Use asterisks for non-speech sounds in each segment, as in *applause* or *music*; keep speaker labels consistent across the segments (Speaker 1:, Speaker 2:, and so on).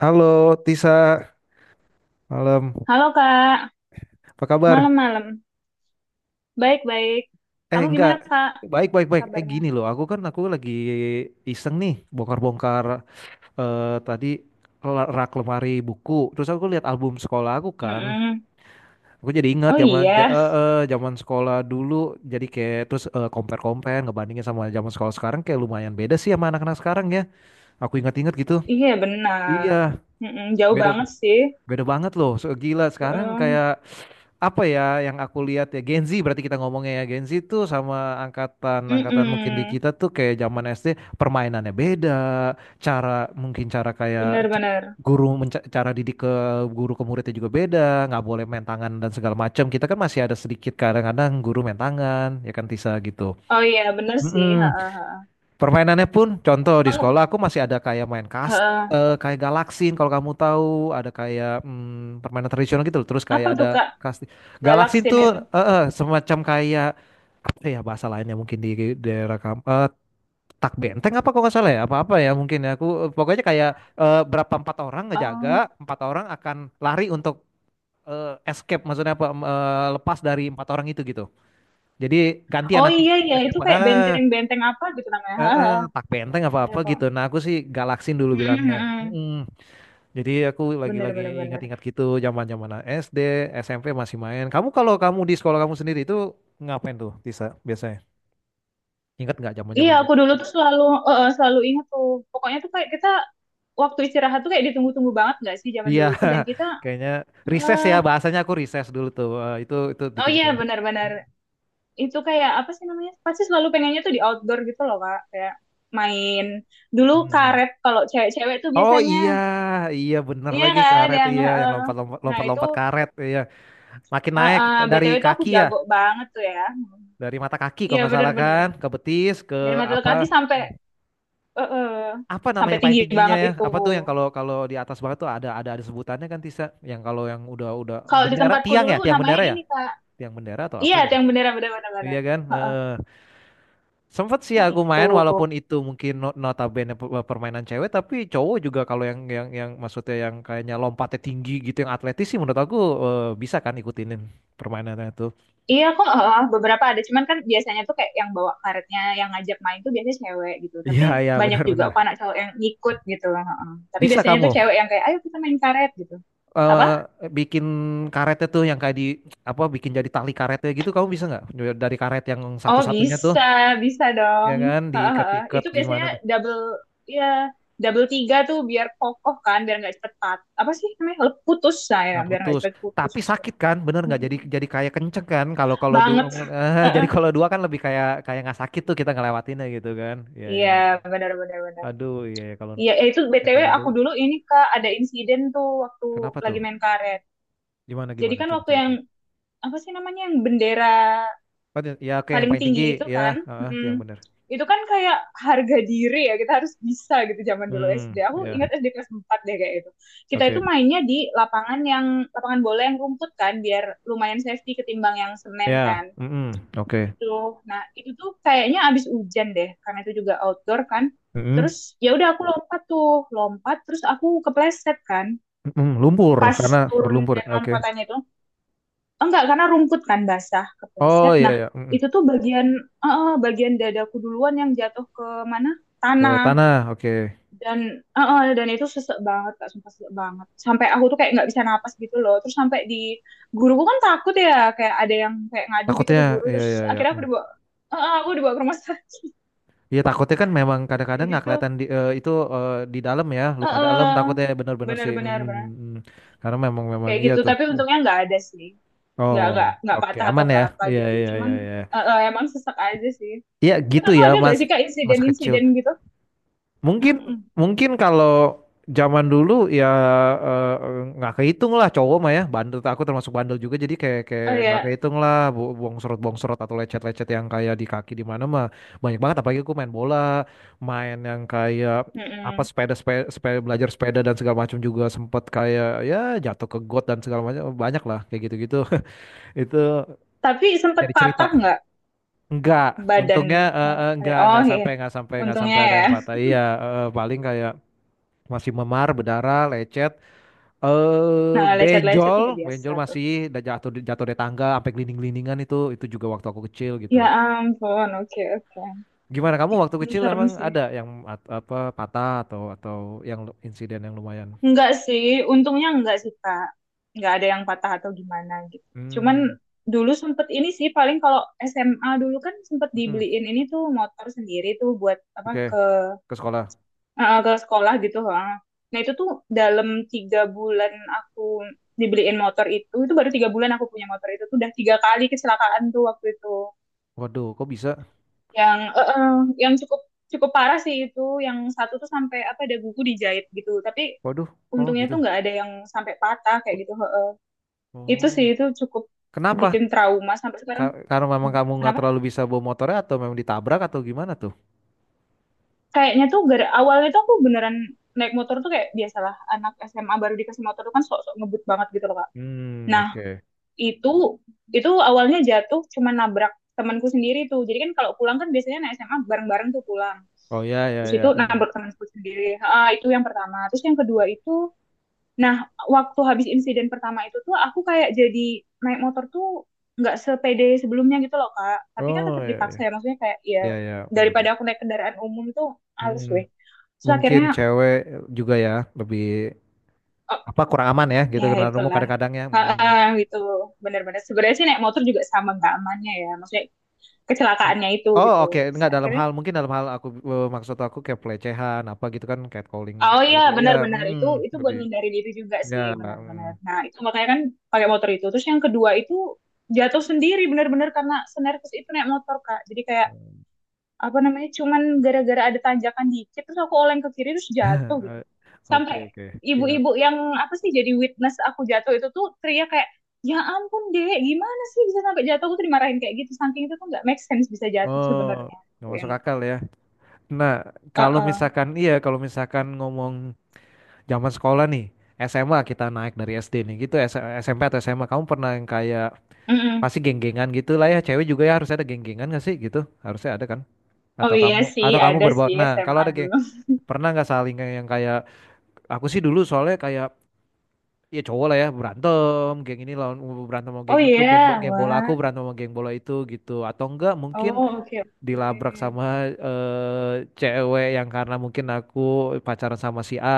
Speaker 1: Halo Tisa, malam.
Speaker 2: Halo Kak,
Speaker 1: Apa kabar?
Speaker 2: malam-malam. Baik-baik.
Speaker 1: Eh,
Speaker 2: Kamu
Speaker 1: enggak,
Speaker 2: gimana Kak
Speaker 1: baik, baik, baik. Eh,
Speaker 2: kabarnya?
Speaker 1: gini loh, aku lagi iseng nih, bongkar-bongkar, tadi rak lemari buku. Terus aku lihat album sekolah aku kan.
Speaker 2: Mm-mm.
Speaker 1: Aku jadi ingat
Speaker 2: Oh
Speaker 1: zaman ja-
Speaker 2: iya,
Speaker 1: eh, eh, zaman sekolah dulu. Jadi kayak terus, compare-compare ngebandingin sama zaman sekolah sekarang, kayak lumayan beda sih sama anak-anak sekarang ya. Aku ingat-ingat gitu.
Speaker 2: iya benar.
Speaker 1: Iya,
Speaker 2: Mm-mm, jauh
Speaker 1: beda,
Speaker 2: banget sih.
Speaker 1: beda banget loh. So, gila sekarang.
Speaker 2: Mm-mm.
Speaker 1: Kayak apa ya yang aku lihat ya, Gen Z, berarti kita ngomongnya ya Gen Z tuh, sama angkatan, angkatan mungkin di
Speaker 2: Mm-mm.
Speaker 1: kita tuh kayak zaman SD, permainannya beda, cara, mungkin cara kayak
Speaker 2: Benar-benar.
Speaker 1: guru cara didik ke guru ke muridnya juga beda, nggak boleh main tangan dan segala macam. Kita kan masih ada sedikit, kadang-kadang guru main tangan ya kan Tisa, gitu.
Speaker 2: Oh iya, benar sih. Ha,
Speaker 1: Mm-mm.
Speaker 2: ha, ha.
Speaker 1: Permainannya pun, contoh di
Speaker 2: Kamu
Speaker 1: sekolah aku masih ada kayak main
Speaker 2: ha, ha.
Speaker 1: kayak galaksin kalau kamu tahu, ada kayak, permainan tradisional gitu loh. Terus
Speaker 2: Apa
Speaker 1: kayak ada
Speaker 2: tuh Kak,
Speaker 1: kasti. Galaksin
Speaker 2: Galaksin
Speaker 1: tuh
Speaker 2: itu?
Speaker 1: semacam kayak apa ya, bahasa lainnya mungkin di daerah kamu, eh, tak benteng apa, kok nggak salah ya, apa-apa ya mungkin, ya aku, eh, pokoknya kayak, eh, berapa, empat orang ngejaga,
Speaker 2: Oh,
Speaker 1: empat orang akan lari untuk, eh, escape, maksudnya apa, lepas dari empat orang itu gitu, jadi gantian
Speaker 2: oh
Speaker 1: nanti.
Speaker 2: iya iya, itu kayak
Speaker 1: Ah,
Speaker 2: benteng-benteng apa gitu namanya. Ha, ha.
Speaker 1: tak benteng
Speaker 2: Ada
Speaker 1: apa-apa
Speaker 2: kok.
Speaker 1: gitu. Nah aku sih galaksin dulu
Speaker 2: Mm-mm,
Speaker 1: bilangnya.
Speaker 2: mm-mm.
Speaker 1: Mm-mm. Jadi aku lagi-lagi
Speaker 2: Benar-benar benar.
Speaker 1: ingat-ingat gitu zaman-zaman SD, SMP masih main. Kalau kamu di sekolah kamu sendiri itu, ngapain tuh Tisa biasanya? Ingat nggak
Speaker 2: Iya,
Speaker 1: zaman-zaman dulu?
Speaker 2: aku dulu tuh selalu selalu ingat tuh. Pokoknya tuh kayak kita waktu istirahat tuh kayak ditunggu-tunggu banget gak sih zaman
Speaker 1: Iya,
Speaker 2: dulu tuh, dan kita
Speaker 1: *laughs* kayaknya recess
Speaker 2: eh
Speaker 1: ya bahasanya, aku recess dulu tuh. Itu
Speaker 2: oh iya
Speaker 1: ditunggu-tunggu.
Speaker 2: benar-benar, itu kayak apa sih namanya? Pasti selalu pengennya tuh di outdoor gitu loh, Kak. Kayak main dulu
Speaker 1: Mm.
Speaker 2: karet kalau cewek-cewek tuh
Speaker 1: Oh
Speaker 2: biasanya.
Speaker 1: iya, iya bener
Speaker 2: Iya
Speaker 1: lagi
Speaker 2: kan
Speaker 1: karet
Speaker 2: yang
Speaker 1: iya, yang
Speaker 2: eh,
Speaker 1: lompat-lompat,
Speaker 2: nah itu,
Speaker 1: karet iya. Makin naik dari
Speaker 2: BTW tuh aku
Speaker 1: kaki ya.
Speaker 2: jago banget tuh ya.
Speaker 1: Dari mata kaki kalau
Speaker 2: Iya
Speaker 1: nggak salah
Speaker 2: benar-benar.
Speaker 1: kan, ke betis, ke
Speaker 2: Dari mata ke
Speaker 1: apa?
Speaker 2: kaki sampai eh, eh,
Speaker 1: Apa namanya
Speaker 2: sampai
Speaker 1: yang paling
Speaker 2: tinggi
Speaker 1: tingginya
Speaker 2: banget
Speaker 1: ya?
Speaker 2: itu.
Speaker 1: Apa tuh yang kalau kalau di atas banget tuh ada sebutannya kan Tisa? Yang kalau yang udah
Speaker 2: Kalau di
Speaker 1: bendera
Speaker 2: tempatku
Speaker 1: tiang
Speaker 2: dulu namanya
Speaker 1: ya?
Speaker 2: ini Kak.
Speaker 1: Tiang bendera atau apa
Speaker 2: Iya, itu
Speaker 1: gitu.
Speaker 2: yang beneran bener bener
Speaker 1: Iya
Speaker 2: bener.
Speaker 1: kan?
Speaker 2: Heeh.
Speaker 1: Heeh. Sempet sih
Speaker 2: Nah
Speaker 1: aku
Speaker 2: itu,
Speaker 1: main, walaupun itu mungkin notabene permainan cewek tapi cowok juga, kalau yang maksudnya yang kayaknya lompatnya tinggi gitu, yang atletis sih menurut aku, eh, bisa kan ikutinin permainannya itu.
Speaker 2: iya kok heeh, beberapa ada, cuman kan biasanya tuh kayak yang bawa karetnya, yang ngajak main tuh biasanya cewek gitu. Tapi
Speaker 1: Iya, iya,
Speaker 2: banyak juga
Speaker 1: benar-benar.
Speaker 2: kok anak cowok yang ngikut gitu. Heeh. Tapi
Speaker 1: Bisa
Speaker 2: biasanya
Speaker 1: kamu,
Speaker 2: tuh cewek yang kayak, ayo kita main karet gitu. Apa?
Speaker 1: eh, bikin karetnya tuh yang kayak di apa, bikin jadi tali karetnya gitu, kamu bisa nggak, dari karet yang
Speaker 2: Oh
Speaker 1: satu-satunya tuh,
Speaker 2: bisa, bisa
Speaker 1: ya
Speaker 2: dong.
Speaker 1: kan,
Speaker 2: Heeh, heeh.
Speaker 1: diikat-ikat
Speaker 2: Itu
Speaker 1: gimana
Speaker 2: biasanya
Speaker 1: tuh,
Speaker 2: double, ya double tiga tuh biar kokoh kan, biar nggak cepet pat. Apa sih namanya? Lep- putus saya,
Speaker 1: nggak
Speaker 2: biar nggak
Speaker 1: putus
Speaker 2: cepet putus.
Speaker 1: tapi sakit kan, bener nggak, jadi,
Speaker 2: Mm-mm.
Speaker 1: kayak kenceng kan, kalau kalau dua.
Speaker 2: Banget.
Speaker 1: *laughs* Jadi
Speaker 2: Heeh.
Speaker 1: kalau dua kan lebih kayak kayak nggak sakit tuh kita ngelewatinnya gitu kan, ya ya,
Speaker 2: Iya, benar-benar benar.
Speaker 1: aduh iya iya. Kalau
Speaker 2: Iya, eh, itu
Speaker 1: yang
Speaker 2: BTW
Speaker 1: zaman
Speaker 2: aku
Speaker 1: dulu,
Speaker 2: dulu ini Kak ada insiden tuh waktu
Speaker 1: kenapa tuh,
Speaker 2: lagi main karet.
Speaker 1: gimana
Speaker 2: Jadi
Speaker 1: gimana
Speaker 2: kan
Speaker 1: coba
Speaker 2: waktu
Speaker 1: cerita.
Speaker 2: yang apa sih namanya yang bendera
Speaker 1: Oh, ya oke, yang
Speaker 2: paling
Speaker 1: paling
Speaker 2: tinggi
Speaker 1: tinggi
Speaker 2: itu
Speaker 1: ya.
Speaker 2: kan,
Speaker 1: Heeh, itu
Speaker 2: mm,
Speaker 1: yang bener.
Speaker 2: itu kan kayak harga diri ya, kita harus bisa gitu zaman dulu
Speaker 1: Hmm,
Speaker 2: SD. Aku
Speaker 1: ya
Speaker 2: ingat SD kelas 4 deh kayak itu. Kita
Speaker 1: oke
Speaker 2: itu mainnya di lapangan yang lapangan bola yang rumput kan biar lumayan safety ketimbang yang semen
Speaker 1: ya,
Speaker 2: kan
Speaker 1: mm-mm, oke.
Speaker 2: itu. Nah, itu tuh kayaknya abis hujan deh, karena itu juga outdoor kan. Terus
Speaker 1: Mm-mm.
Speaker 2: ya udah aku lompat tuh, lompat terus aku kepleset kan.
Speaker 1: Lumpur
Speaker 2: Pas
Speaker 1: karena
Speaker 2: turun
Speaker 1: berlumpur.
Speaker 2: dari
Speaker 1: Oke.
Speaker 2: lompatannya itu, enggak karena rumput kan basah,
Speaker 1: Oh
Speaker 2: kepleset.
Speaker 1: iya
Speaker 2: Nah,
Speaker 1: ya.
Speaker 2: itu tuh bagian bagian dadaku duluan yang jatuh ke mana?
Speaker 1: Ke
Speaker 2: Tanah.
Speaker 1: tanah. Oke.
Speaker 2: Dan dan itu sesek banget, Kak, sumpah sesek banget. Sampai aku tuh kayak nggak bisa napas gitu loh. Terus sampai di guruku kan takut ya, kayak ada yang kayak ngadu gitu
Speaker 1: Takutnya
Speaker 2: ke guru.
Speaker 1: iya iya
Speaker 2: Terus
Speaker 1: iya.
Speaker 2: akhirnya aku
Speaker 1: Mm.
Speaker 2: dibawa aku dibawa ke rumah *laughs* sakit.
Speaker 1: Iya, takutnya kan memang kadang-kadang
Speaker 2: Kayak
Speaker 1: nggak
Speaker 2: gitu.
Speaker 1: kelihatan di, eh, itu, eh, di dalam ya, luka dalam,
Speaker 2: Heeh.
Speaker 1: takutnya bener-bener sih. Mm,
Speaker 2: Benar-benar benar,
Speaker 1: mm, mm. Karena memang memang
Speaker 2: kayak
Speaker 1: iya
Speaker 2: gitu.
Speaker 1: tuh.
Speaker 2: Tapi untungnya nggak ada sih, nggak
Speaker 1: Oh,
Speaker 2: nggak
Speaker 1: oke
Speaker 2: patah atau
Speaker 1: aman ya.
Speaker 2: nggak apa
Speaker 1: Iya
Speaker 2: gitu,
Speaker 1: iya
Speaker 2: cuman
Speaker 1: iya iya.
Speaker 2: emang sesek aja sih.
Speaker 1: Iya
Speaker 2: Tapi
Speaker 1: gitu
Speaker 2: kamu
Speaker 1: ya,
Speaker 2: ada nggak
Speaker 1: Mas.
Speaker 2: sih kak
Speaker 1: Masa kecil.
Speaker 2: insiden-insiden gitu?
Speaker 1: Mungkin
Speaker 2: Mm-mm.
Speaker 1: mungkin kalau zaman dulu ya, eh, nggak kehitung lah cowok mah ya bandel, aku termasuk bandel juga, jadi kayak kayak
Speaker 2: Oh
Speaker 1: nggak
Speaker 2: ya.
Speaker 1: kehitung lah, bongsorot-bongsorot atau lecet-lecet yang kayak di kaki di mana mah banyak banget, apalagi aku main bola, main yang kayak apa,
Speaker 2: Mm-mm.
Speaker 1: sepeda, sepeda, sepeda belajar sepeda dan segala macam, juga sempet kayak ya jatuh ke got dan segala macam, banyak lah kayak gitu-gitu. *laughs* Itu
Speaker 2: Tapi sempet
Speaker 1: jadi cerita.
Speaker 2: patah nggak
Speaker 1: Enggak, untungnya,
Speaker 2: badanmu? Ada- oh iya,
Speaker 1: enggak
Speaker 2: untungnya
Speaker 1: sampai ada
Speaker 2: ya.
Speaker 1: yang patah, iya, paling kayak masih memar, berdarah, lecet, eh,
Speaker 2: Nah lecet-lecet udah biasa
Speaker 1: benjol
Speaker 2: tuh.
Speaker 1: masih, udah jatuh, jatuh dari tangga sampai glinding-glindingan, itu juga waktu aku kecil gitu.
Speaker 2: Ya ampun, oke oke.
Speaker 1: Gimana kamu waktu
Speaker 2: Ini
Speaker 1: kecil,
Speaker 2: serem
Speaker 1: emang
Speaker 2: sih.
Speaker 1: ada yang apa patah atau yang insiden yang lumayan?
Speaker 2: Enggak sih, untungnya enggak sih Kak. Enggak ada yang patah atau gimana gitu. Cuman
Speaker 1: Hmm,
Speaker 2: dulu sempet ini sih paling kalau SMA dulu kan sempet
Speaker 1: mm-mm.
Speaker 2: dibeliin ini tuh motor sendiri tuh buat apa
Speaker 1: Oke,
Speaker 2: ke
Speaker 1: ke sekolah.
Speaker 2: ke sekolah gitu. Ha. Nah itu tuh dalam tiga bulan aku dibeliin motor itu baru 3 bulan aku punya motor itu tuh udah 3 kali kecelakaan tuh waktu itu.
Speaker 1: Waduh, kok bisa?
Speaker 2: Yang yang cukup cukup parah sih itu, yang satu tuh sampai apa ada buku dijahit gitu. Tapi
Speaker 1: Waduh, oh
Speaker 2: untungnya tuh
Speaker 1: gitu.
Speaker 2: nggak ada yang sampai patah kayak gitu. Heeh. Itu
Speaker 1: Oh,
Speaker 2: sih itu cukup
Speaker 1: kenapa?
Speaker 2: bikin trauma sampai sekarang.
Speaker 1: Karena memang kamu nggak
Speaker 2: Kenapa?
Speaker 1: terlalu bisa bawa motornya, atau memang ditabrak atau gimana tuh?
Speaker 2: Kayaknya tuh gara awalnya tuh aku beneran naik motor tuh kayak biasalah anak SMA baru dikasih motor tuh kan sok-sok ngebut banget gitu loh Kak.
Speaker 1: Hmm,
Speaker 2: Nah,
Speaker 1: oke.
Speaker 2: itu itu awalnya jatuh cuma nabrak temanku sendiri tuh. Jadi kan kalau pulang kan biasanya naik SMA bareng-bareng tuh pulang.
Speaker 1: Oh ya ya
Speaker 2: Terus itu
Speaker 1: ya.
Speaker 2: nabrak
Speaker 1: Mm.
Speaker 2: temanku sendiri. Ah, itu yang pertama. Terus yang kedua itu, nah, waktu habis insiden pertama itu tuh aku kayak jadi naik motor tuh nggak sepede sebelumnya gitu loh, Kak. Tapi kan
Speaker 1: Oh
Speaker 2: tetap dipaksa
Speaker 1: ya
Speaker 2: ya, maksudnya kayak ya
Speaker 1: ya ya ya.
Speaker 2: daripada aku naik kendaraan umum tuh halus
Speaker 1: Hmm,
Speaker 2: weh. Terus
Speaker 1: mungkin
Speaker 2: akhirnya
Speaker 1: cewek juga ya lebih
Speaker 2: oh,
Speaker 1: apa, kurang aman ya gitu
Speaker 2: ya
Speaker 1: karena umum
Speaker 2: itulah.
Speaker 1: kadang-kadang ya. Hmm.
Speaker 2: Ah gitu. Bener-bener. Sebenarnya sih naik motor juga sama nggak amannya ya, maksudnya kecelakaannya itu
Speaker 1: Oh
Speaker 2: gitu.
Speaker 1: oke,
Speaker 2: Terus
Speaker 1: nggak dalam
Speaker 2: akhirnya
Speaker 1: hal, mungkin dalam hal aku, eh, maksud aku kayak pelecehan apa gitu kan, catcalling
Speaker 2: oh
Speaker 1: gitu
Speaker 2: iya,
Speaker 1: lebih ya,
Speaker 2: benar-benar, itu buat
Speaker 1: lebih
Speaker 2: ngindari diri juga
Speaker 1: ya,
Speaker 2: sih,
Speaker 1: mm.
Speaker 2: benar-benar. Nah, itu makanya kan pakai motor itu. Terus yang kedua itu jatuh sendiri benar-benar karena senervis itu naik motor, Kak. Jadi kayak apa namanya? Cuman gara-gara ada tanjakan dikit terus aku oleng ke kiri terus jatuh gitu.
Speaker 1: *laughs*
Speaker 2: Sampai
Speaker 1: Oke oke, iya,
Speaker 2: ibu-ibu yang apa sih jadi witness aku jatuh itu tuh teriak kayak, "Ya ampun, Dek, gimana sih bisa sampai jatuh?" Aku tuh dimarahin kayak gitu. Saking itu tuh nggak make sense bisa jatuh
Speaker 1: oh,
Speaker 2: sebenarnya.
Speaker 1: nggak masuk
Speaker 2: Yang
Speaker 1: akal ya. Nah kalau
Speaker 2: uh
Speaker 1: misalkan iya kalau misalkan ngomong zaman sekolah nih, SMA kita naik dari SD nih gitu, SMP atau SMA, kamu pernah yang kayak, pasti geng-gengan gitu lah ya. Cewek juga ya harus ada geng-gengan gak sih gitu? Harusnya ada kan?
Speaker 2: Oh iya sih,
Speaker 1: Atau kamu
Speaker 2: ada
Speaker 1: berbaur.
Speaker 2: sih
Speaker 1: Nah, kalau
Speaker 2: SMA
Speaker 1: ada geng,
Speaker 2: dulu.
Speaker 1: pernah nggak saling yang kayak, aku sih dulu soalnya kayak ya cowok lah ya berantem, geng ini lawan, berantem sama
Speaker 2: Oh
Speaker 1: geng itu,
Speaker 2: iya,
Speaker 1: geng bola, aku
Speaker 2: wah.
Speaker 1: berantem sama geng bola itu gitu. Atau enggak mungkin
Speaker 2: Oh oke
Speaker 1: dilabrak
Speaker 2: oke.
Speaker 1: sama, eh, cewek yang karena mungkin aku pacaran sama si A,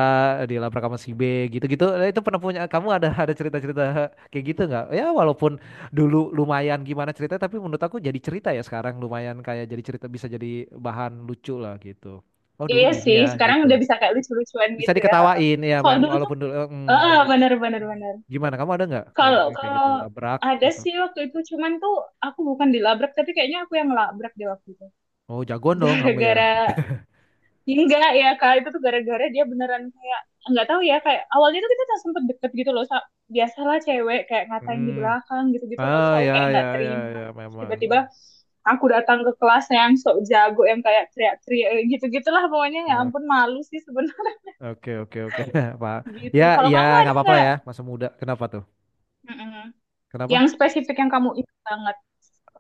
Speaker 1: dilabrak sama si B, gitu-gitu. Nah, itu pernah punya kamu, ada cerita-cerita kayak gitu nggak? Ya walaupun dulu lumayan gimana cerita, tapi menurut aku jadi cerita ya, sekarang lumayan kayak jadi cerita, bisa jadi bahan lucu lah gitu. Oh dulu
Speaker 2: Iya
Speaker 1: gini
Speaker 2: sih,
Speaker 1: ya
Speaker 2: sekarang udah
Speaker 1: gitu.
Speaker 2: bisa kayak lucu-lucuan
Speaker 1: Bisa
Speaker 2: gitu ya. Heeh.
Speaker 1: diketawain ya
Speaker 2: Kalau
Speaker 1: memang,
Speaker 2: dulu tuh,
Speaker 1: walaupun dulu,
Speaker 2: heeh,
Speaker 1: walaupun dulu.
Speaker 2: bener bener bener.
Speaker 1: Gimana kamu, ada nggak? Ya,
Speaker 2: Kalau
Speaker 1: kayak
Speaker 2: kalau
Speaker 1: gitu, labrak
Speaker 2: ada
Speaker 1: atau.
Speaker 2: sih waktu itu, cuman tuh aku bukan dilabrak, tapi kayaknya aku yang labrak di waktu itu.
Speaker 1: Oh,
Speaker 2: *laughs*
Speaker 1: jagoan dong kamu ya.
Speaker 2: Gara-gara enggak ya kak, itu tuh gara-gara dia beneran kayak nggak tahu ya, kayak awalnya tuh kita sempet deket gitu loh. Sa- biasalah cewek kayak ngatain di
Speaker 1: Hmm.
Speaker 2: belakang gitu-gitu loh, terus
Speaker 1: Ah
Speaker 2: aku
Speaker 1: ya
Speaker 2: kayak
Speaker 1: ya
Speaker 2: nggak
Speaker 1: ya
Speaker 2: terima,
Speaker 1: ya memang.
Speaker 2: tiba-tiba aku datang ke kelasnya yang sok jago yang kayak teriak-teriak gitu-gitulah pokoknya, ya
Speaker 1: Ah,
Speaker 2: ampun malu sih sebenarnya.
Speaker 1: oke oke oke *laughs* Pak.
Speaker 2: *laughs*
Speaker 1: Ya
Speaker 2: Gitu, kalau
Speaker 1: ya
Speaker 2: kamu
Speaker 1: nggak
Speaker 2: ada
Speaker 1: apa-apa lah
Speaker 2: nggak
Speaker 1: ya masa muda. Kenapa tuh?
Speaker 2: Mm-mm.
Speaker 1: Kenapa?
Speaker 2: yang spesifik yang kamu ingat banget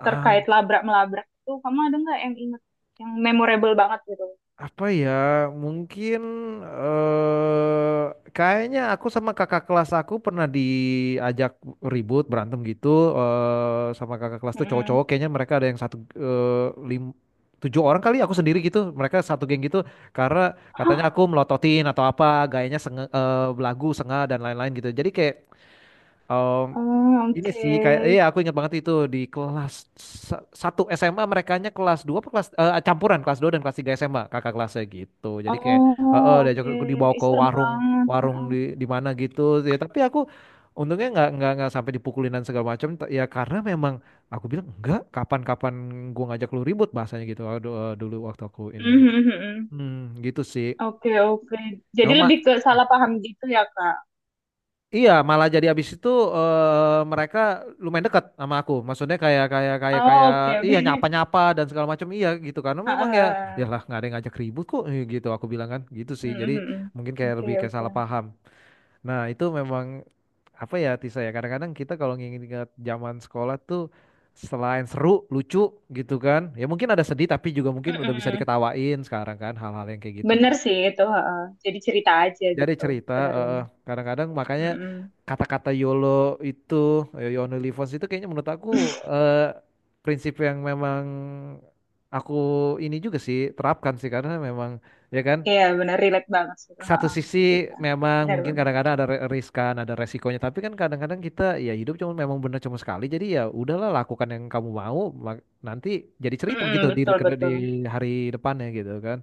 Speaker 1: Ah,
Speaker 2: terkait labrak melabrak itu, kamu ada nggak yang ingat yang memorable banget gitu?
Speaker 1: apa ya, mungkin, eh, kayaknya aku sama kakak kelas, aku pernah diajak ribut berantem gitu, eh, sama kakak kelas tuh
Speaker 2: Mm-mm.
Speaker 1: cowok-cowok, kayaknya mereka ada yang satu, eh, lim tujuh orang kali aku sendiri gitu, mereka satu geng gitu, karena katanya aku melototin atau apa, gayanya belagu sengah dan lain-lain gitu, jadi kayak, Em,
Speaker 2: Oh,
Speaker 1: ini
Speaker 2: oke.
Speaker 1: sih kayak, iya, aku ingat banget itu, di kelas satu SMA, merekanya kelas 2 apa kelas, eh, campuran kelas 2 dan kelas 3 SMA, kakak kelasnya gitu. Jadi kayak,
Speaker 2: Oh,
Speaker 1: diajak,
Speaker 2: oke.
Speaker 1: aku dibawa
Speaker 2: Ih,
Speaker 1: ke
Speaker 2: serem
Speaker 1: warung,
Speaker 2: banget. Heeh.
Speaker 1: di mana gitu ya, tapi aku untungnya nggak sampai dipukulin dan segala macam. Ya karena memang aku bilang enggak, kapan-kapan gua ngajak lu ribut, bahasanya gitu. Aduh, eh, dulu waktu aku ini gitu.
Speaker 2: Mhm. Mhm.
Speaker 1: Hmm, gitu sih.
Speaker 2: Oke, oke. Jadi
Speaker 1: Emang ma-
Speaker 2: lebih ke salah paham gitu ya, Kak?
Speaker 1: Iya, malah jadi abis itu, eh, mereka lumayan dekat sama aku. Maksudnya, kayak kayak kayak
Speaker 2: Oh,
Speaker 1: kayak,
Speaker 2: oke,
Speaker 1: iya,
Speaker 2: oke. *laughs*
Speaker 1: nyapa-nyapa dan segala macam, iya gitu, karena
Speaker 2: Ha ha.
Speaker 1: memang ya
Speaker 2: Hahaha.
Speaker 1: iyalah, nggak ada yang ngajak ribut kok, eh, gitu aku bilang kan, gitu sih. Jadi
Speaker 2: Mhm.
Speaker 1: mungkin
Speaker 2: Mhm.
Speaker 1: kayak
Speaker 2: Oke,
Speaker 1: lebih kayak
Speaker 2: oke.
Speaker 1: salah paham. Nah, itu memang apa ya Tisa ya, kadang-kadang kita kalau nginget-inget zaman sekolah tuh, selain seru, lucu gitu kan. Ya mungkin ada sedih, tapi juga mungkin udah bisa
Speaker 2: Mm-mm.
Speaker 1: diketawain sekarang kan, hal-hal yang kayak gitu.
Speaker 2: Bener sih itu. Heeh. Jadi cerita aja
Speaker 1: Jadi
Speaker 2: gitu.
Speaker 1: cerita,
Speaker 2: Benar-benar.
Speaker 1: kadang-kadang makanya
Speaker 2: Mhm.
Speaker 1: kata-kata YOLO itu, eh, you only live once itu, kayaknya menurut aku,
Speaker 2: *laughs*
Speaker 1: eh, prinsip yang memang aku ini juga sih terapkan sih, karena memang ya kan,
Speaker 2: Iya, benar. Relate banget sih itu. Ha
Speaker 1: satu
Speaker 2: ha, ke
Speaker 1: sisi
Speaker 2: kita.
Speaker 1: memang mungkin
Speaker 2: Benar-benar.
Speaker 1: kadang-kadang ada riskan, ada resikonya, tapi kan kadang-kadang kita ya hidup cuma memang benar cuma sekali, jadi ya udahlah lakukan yang kamu mau, mak- nanti jadi cerita
Speaker 2: Mm-mm,
Speaker 1: gitu di
Speaker 2: betul,
Speaker 1: di
Speaker 2: betul.
Speaker 1: hari depannya gitu kan.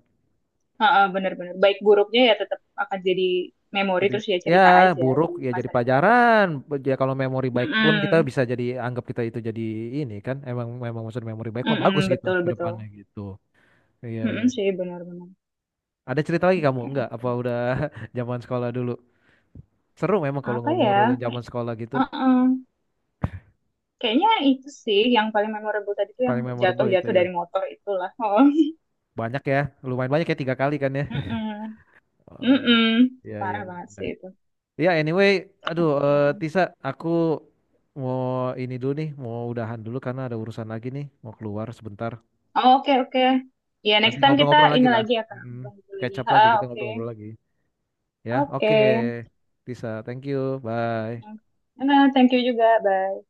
Speaker 2: Heeh, benar-benar. Baik buruknya ya tetap akan jadi memori
Speaker 1: Jadi,
Speaker 2: terus ya,
Speaker 1: ya,
Speaker 2: cerita aja
Speaker 1: buruk
Speaker 2: di
Speaker 1: ya jadi
Speaker 2: masa depan.
Speaker 1: pelajaran. Ya kalau memori baik pun kita
Speaker 2: Mm-mm.
Speaker 1: bisa jadi anggap kita itu jadi ini kan. Emang memang maksud memori baik mah
Speaker 2: Mm-mm,
Speaker 1: bagus gitu
Speaker 2: betul
Speaker 1: ke
Speaker 2: betul.
Speaker 1: depannya gitu. Iya iya.
Speaker 2: Mm-mm, sih benar-benar.
Speaker 1: Ada cerita lagi kamu?
Speaker 2: Oke
Speaker 1: Enggak?
Speaker 2: oke.
Speaker 1: Apa udah *laughs* zaman sekolah dulu? Seru memang kalau
Speaker 2: Apa ya?
Speaker 1: ngobrolin zaman
Speaker 2: Kayak-
Speaker 1: sekolah gitu.
Speaker 2: uh-uh. Kayaknya itu sih yang paling memorable tadi tuh yang
Speaker 1: Paling memorable itu
Speaker 2: jatuh-jatuh
Speaker 1: ya.
Speaker 2: dari motor itulah. Oh.
Speaker 1: Banyak ya. Lumayan banyak ya tiga kali kan ya.
Speaker 2: *laughs*
Speaker 1: *laughs*
Speaker 2: Mm-mm.
Speaker 1: Oh,
Speaker 2: Mm-mm.
Speaker 1: iya iya.
Speaker 2: Parah banget sih itu.
Speaker 1: Ya anyway, aduh, eh,
Speaker 2: Oke.
Speaker 1: Tisa, aku mau ini dulu nih, mau udahan dulu karena ada urusan lagi nih, mau keluar sebentar.
Speaker 2: Oh, oke oke. Ya
Speaker 1: Nanti
Speaker 2: next time kita
Speaker 1: ngobrol-ngobrol lagi
Speaker 2: ini
Speaker 1: lah.
Speaker 2: lagi ya Kak.
Speaker 1: Mm,
Speaker 2: Ngobrol gitu
Speaker 1: catch
Speaker 2: lagi.
Speaker 1: up lagi,
Speaker 2: Ah
Speaker 1: kita
Speaker 2: oke.
Speaker 1: ngobrol-ngobrol lagi. Ya, oke.
Speaker 2: Oke.
Speaker 1: Tisa, thank you. Bye.
Speaker 2: Nah, thank you juga. Bye.